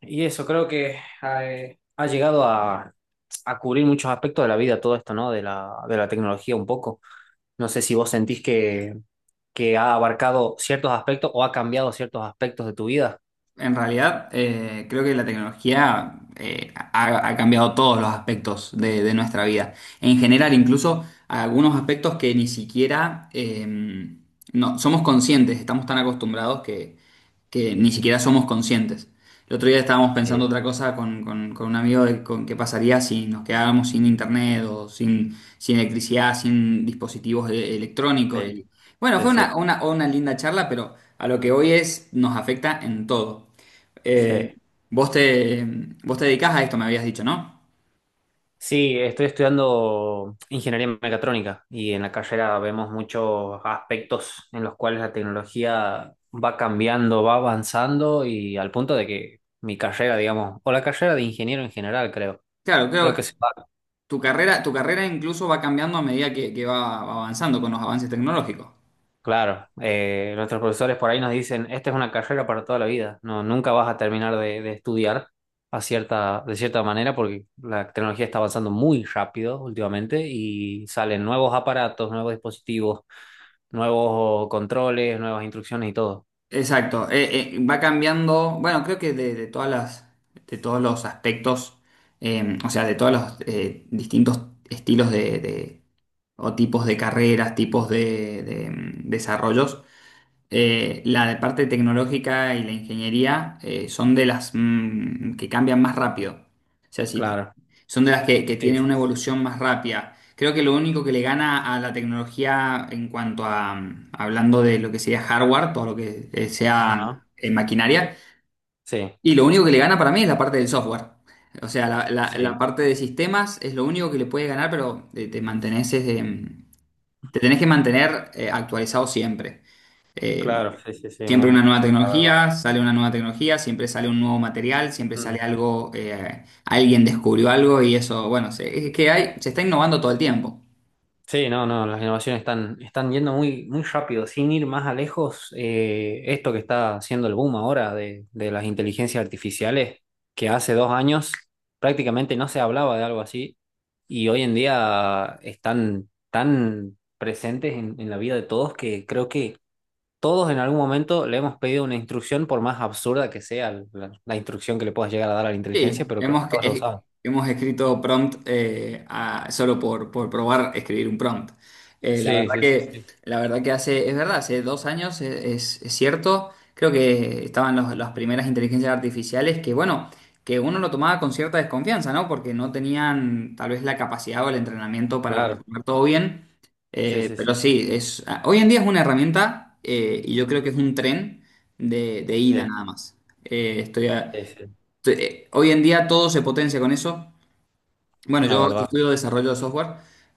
Y eso creo que llegado a cubrir muchos aspectos de la vida, todo esto, ¿no? De la tecnología un poco. No sé si vos sentís que ha abarcado ciertos aspectos o ha cambiado ciertos aspectos de tu vida. En realidad, creo que la tecnología ha cambiado todos los aspectos de nuestra vida. En general, incluso algunos aspectos que ni siquiera no, somos conscientes, estamos tan acostumbrados que ni siquiera somos conscientes. El otro día estábamos pensando Sí, otra cosa con un amigo de con qué pasaría si nos quedáramos sin internet o sin electricidad, sin dispositivos electrónicos. sí, Bueno, sí, fue sí, una linda charla, pero a lo que hoy es, nos afecta en todo. Eh, sí. vos te, vos te dedicás a esto, me habías dicho, ¿no? Sí, estoy estudiando ingeniería mecatrónica y en la carrera vemos muchos aspectos en los cuales la tecnología va cambiando, va avanzando y al punto de que mi carrera, digamos, o la carrera de ingeniero en general, creo, Claro, creo creo que se que va. tu carrera incluso va cambiando a medida que va avanzando con los avances tecnológicos. Claro, nuestros profesores por ahí nos dicen, esta es una carrera para toda la vida, no, nunca vas a terminar de estudiar a cierta, de cierta manera porque la tecnología está avanzando muy rápido últimamente y salen nuevos aparatos, nuevos dispositivos, nuevos controles, nuevas instrucciones y todo. Exacto, va cambiando, bueno, creo que de todos los aspectos, o sea, de todos los distintos estilos o tipos de carreras, tipos desarrollos. La de parte tecnológica y la ingeniería son de las que cambian más rápido. O sea, Claro. son de las que Sí, tienen una sí, sí. evolución más rápida. Creo que lo único que le gana a la tecnología en cuanto a hablando de lo que sería hardware, todo lo que sea Ajá. Maquinaria, Sí, y lo único que le gana para mí es la parte del software. O sea, la sí, parte de sistemas es lo único que le puede ganar, pero te tenés que mantener actualizado siempre. Eh, claro, sí, sí, sí, Siempre una muy, nueva la verdad. tecnología, sale una nueva tecnología, siempre sale un nuevo material, siempre sale Mm. algo, alguien descubrió algo y eso, bueno, se está innovando todo el tiempo. Sí, no, no, las innovaciones están yendo muy, muy rápido. Sin ir más a lejos, esto que está haciendo el boom ahora de las inteligencias artificiales, que hace dos años prácticamente no se hablaba de algo así, y hoy en día están tan presentes en la vida de todos que creo que todos en algún momento le hemos pedido una instrucción, por más absurda que sea la instrucción que le puedas llegar a dar a la inteligencia, Sí, pero creo que todos lo usamos. hemos escrito prompt solo por probar escribir un prompt. Sí, sí, sí, sí, La verdad que hace, es verdad, hace 2 años, es cierto, creo que estaban las primeras inteligencias artificiales que, bueno, que uno lo tomaba con cierta desconfianza, ¿no? Porque no tenían tal vez la capacidad o el entrenamiento para claro. responder todo bien. Sí, Eh, sí, sí, pero sí, hoy en día es una herramienta y yo creo que es un tren de ida sí, nada más. Eh, estoy a- sí, sí, Hoy en día todo se potencia con eso. Bueno, la yo verdad. estudio desarrollo de software.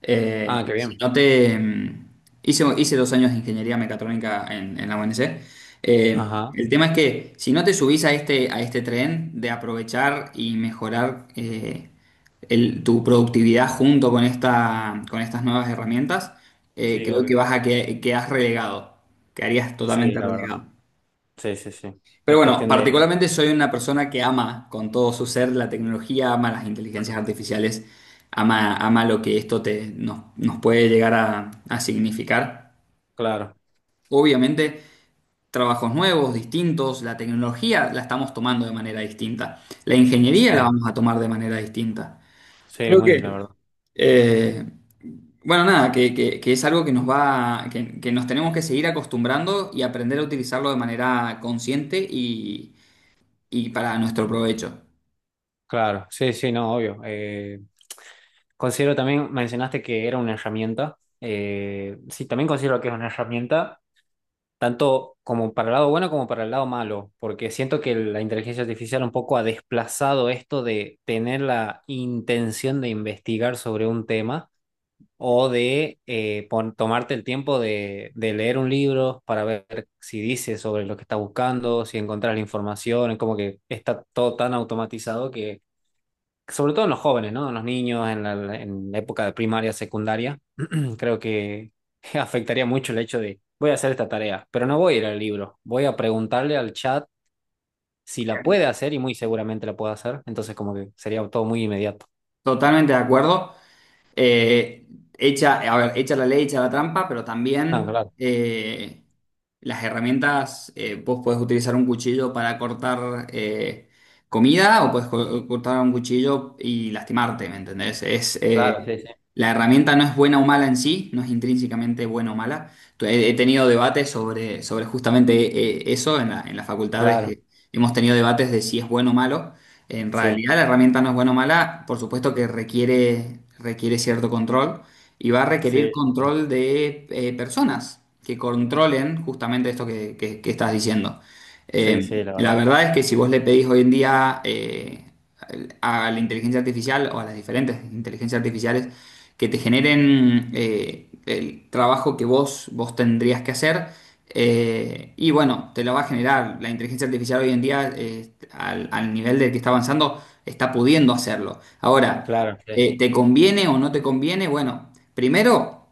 Ah, qué Ok. Y si bien. no te, hice 2 años de ingeniería mecatrónica en la UNC. Eh, Ajá. el tema es que si no te subís a este tren de aprovechar y mejorar tu productividad junto con estas nuevas herramientas, Sí, creo que obvio. Quedás relegado, quedarías Sí, totalmente la verdad. relegado. Sí, sí, sí. Pero Es bueno, cuestión de... particularmente soy una persona que ama con todo su ser la tecnología, ama las inteligencias artificiales, ama lo que esto nos puede llegar a significar. Claro. Obviamente, trabajos nuevos, distintos, la tecnología la estamos tomando de manera distinta, la ingeniería la Sí, vamos a tomar de manera distinta. sí, Creo muy, la que, verdad. eh, bueno, nada, que es algo que nos tenemos que seguir acostumbrando y aprender a utilizarlo de manera consciente y para nuestro provecho. Claro. Sí, sí, no, obvio. Considero también, mencionaste que era una herramienta. Sí, también considero que es una herramienta tanto como para el lado bueno como para el lado malo, porque siento que la inteligencia artificial un poco ha desplazado esto de tener la intención de investigar sobre un tema o de tomarte el tiempo de leer un libro para ver si dice sobre lo que estás buscando, si encontrás la información. Es como que está todo tan automatizado que, sobre todo en los jóvenes, ¿no? En los niños, en la época de primaria, secundaria. Creo que afectaría mucho el hecho de voy a hacer esta tarea, pero no voy a ir al libro, voy a preguntarle al chat si la puede hacer, y muy seguramente la puede hacer, entonces como que sería todo muy inmediato. Totalmente de acuerdo. Eh, a ver, hecha la ley, hecha la trampa, pero Ah, también claro, las herramientas, vos podés utilizar un cuchillo para cortar comida o podés cortar un cuchillo y lastimarte, ¿me entendés? Es, claro, eh, sí, sí. la herramienta no es buena o mala en sí, no es intrínsecamente buena o mala. He tenido debates sobre justamente eso en la facultad, es Claro, que hemos tenido debates de si es bueno o malo. En sí, realidad la herramienta no es buena o mala, por supuesto que requiere cierto control y va a requerir sí, sí, sí, control de personas que controlen justamente esto que estás diciendo. sí, Eh, sí, la la verdad. verdad es que si vos le pedís hoy en día a la inteligencia artificial o a las diferentes inteligencias artificiales que te generen el trabajo que vos tendrías que hacer, y bueno, te lo va a generar. La inteligencia artificial hoy en día, al nivel del que está avanzando, está pudiendo hacerlo. Ahora, Claro, sí, ¿te conviene o no te conviene? Bueno, primero,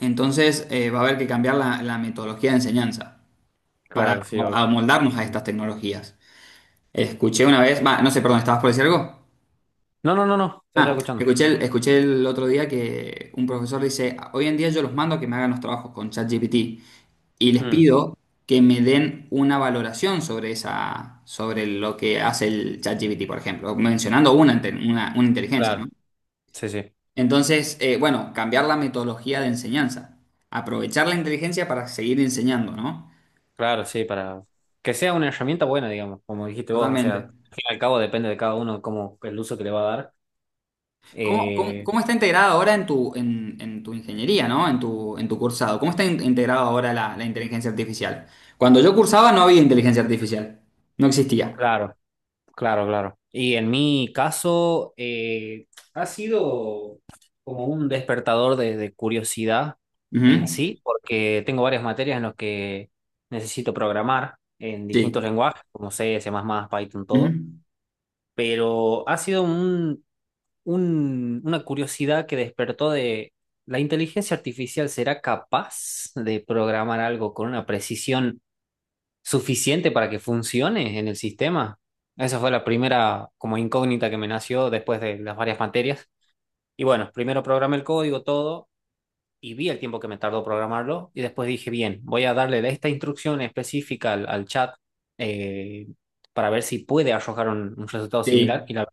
entonces va a haber que cambiar la metodología de enseñanza para claro, sí, obvio. Amoldarnos a Sí. estas tecnologías. Escuché una vez, va, no sé, perdón, ¿estabas por decir algo? No, no, no, no, te Ah, estaba escuchando. Escuché el otro día que un profesor dice, hoy en día yo los mando a que me hagan los trabajos con ChatGPT. Y les Mm, pido que me den una valoración sobre lo que hace el ChatGPT, por ejemplo, mencionando una inteligencia, claro, ¿no? sí, sí, Entonces, bueno, cambiar la metodología de enseñanza, aprovechar la inteligencia para seguir enseñando, ¿no? claro, sí, para que sea una herramienta buena, digamos, como dijiste vos. O sea, Totalmente. al fin y al cabo depende de cada uno cómo el uso que le va a dar. ¿Cómo, cómo, Eh, cómo está integrada ahora en tu ingeniería, ¿no? En tu cursado. ¿Cómo está integrada ahora la inteligencia artificial? Cuando yo cursaba no había inteligencia artificial. No existía. claro. Claro, claro. Y en mi caso ha sido como un despertador de curiosidad en Ujú. sí, porque tengo varias materias en las que necesito programar en Sí. distintos lenguajes, como C, C++, Python, Ujú. todo. Pero ha sido una curiosidad que despertó de ¿la inteligencia artificial será capaz de programar algo con una precisión suficiente para que funcione en el sistema? Esa fue la primera como incógnita que me nació después de las varias materias. Y bueno, primero programé el código, todo, y vi el tiempo que me tardó programarlo, y después dije, bien, voy a darle esta instrucción específica al chat, eh, para ver si puede arrojar un resultado similar, Sí. y la,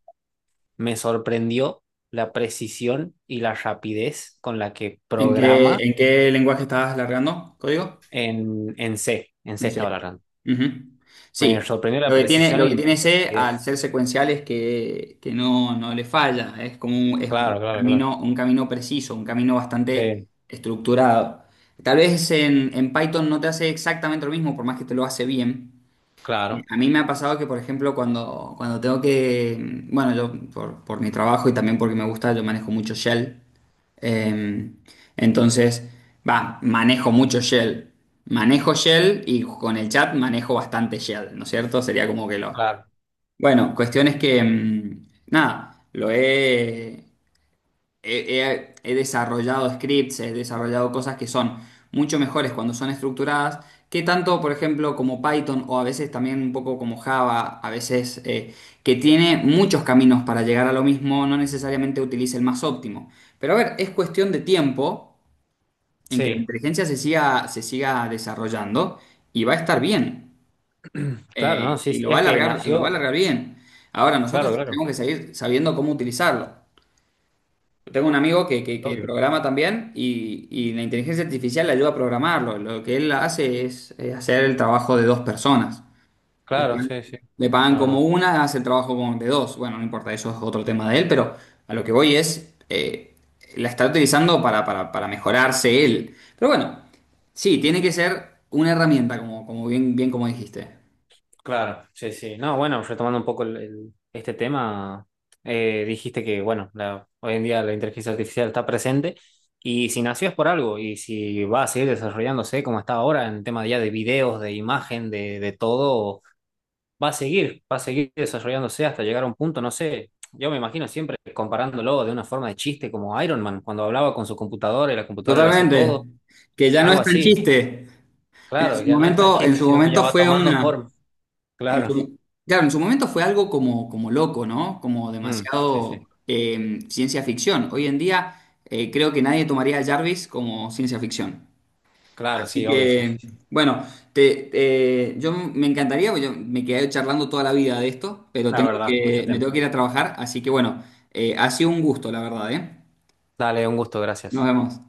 me sorprendió la precisión y la rapidez con la que ¿En qué, programa en qué lenguaje estabas largando código? En C. En C En estaba C. largando. Ujú. Me Sí. sorprendió la Lo que tiene, precisión lo que y tiene la C al rapidez. ser secuencial es que no, no le falla. Es Claro, claro, claro. Un camino preciso, un camino bastante Sí, estructurado. Tal vez en Python no te hace exactamente lo mismo, por más que te lo hace bien. Claro, A mí me ha pasado que, por ejemplo, cuando tengo que, bueno, yo por mi trabajo y también porque me gusta, yo manejo mucho Shell. Eh, entonces, va, manejo mucho Shell. Manejo Shell y con el chat manejo bastante Shell, ¿no es cierto? Sería como que lo... claro. Bueno, cuestión es que, nada, lo he, he desarrollado scripts, he desarrollado cosas que son mucho mejores cuando son estructuradas, que tanto, por ejemplo, como Python o a veces también un poco como Java, a veces que tiene muchos caminos para llegar a lo mismo, no necesariamente utilice el más óptimo. Pero a ver, es cuestión de tiempo en que la Sí, inteligencia se siga desarrollando y va a estar bien, claro, no, sí, y sí, lo va a es que alargar, y lo va a nació, alargar bien. Ahora, nosotros claro, claro, tenemos que seguir sabiendo cómo utilizarlo. Tengo un amigo que obvio. programa también y la inteligencia artificial le ayuda a programarlo. Lo que él hace es hacer el trabajo de dos personas. Le, Claro, pagan sí, sí, le pagan la como verdad. Hace el trabajo como de dos. Bueno, no importa, eso es otro tema de él, pero a lo que voy es, la está utilizando para mejorarse él. Pero bueno, sí, tiene que ser una herramienta, como bien, bien como dijiste. Claro, sí, sí. No, bueno, retomando un poco este tema, dijiste que, bueno, hoy en día la inteligencia artificial está presente y si nació es por algo, y si va a seguir desarrollándose como está ahora en tema ya de videos, de imagen, de todo, va a seguir desarrollándose hasta llegar a un punto, no sé. Yo me imagino siempre comparándolo de una forma de chiste, como Iron Man, cuando hablaba con su computadora y la computadora le hacía Totalmente. todo, Que ya no algo es tan así. chiste. En Claro, su ya no es tan momento, en chiste, su sino que ya momento va fue tomando una... forma. En Claro. su- claro, en su momento fue algo como loco, ¿no? Como Mm, sí, demasiado sí. Ciencia ficción. Hoy en día creo que nadie tomaría a Jarvis como ciencia ficción. Claro, Así sí, obvio, sí, que, sí, sí. bueno, yo me encantaría, porque yo me quedé charlando toda la vida de esto, pero La verdad, mucho me tiempo. tengo que ir a trabajar, así que bueno, ha sido un gusto, la verdad, ¿eh? Dale, un gusto, Nos gracias. vemos.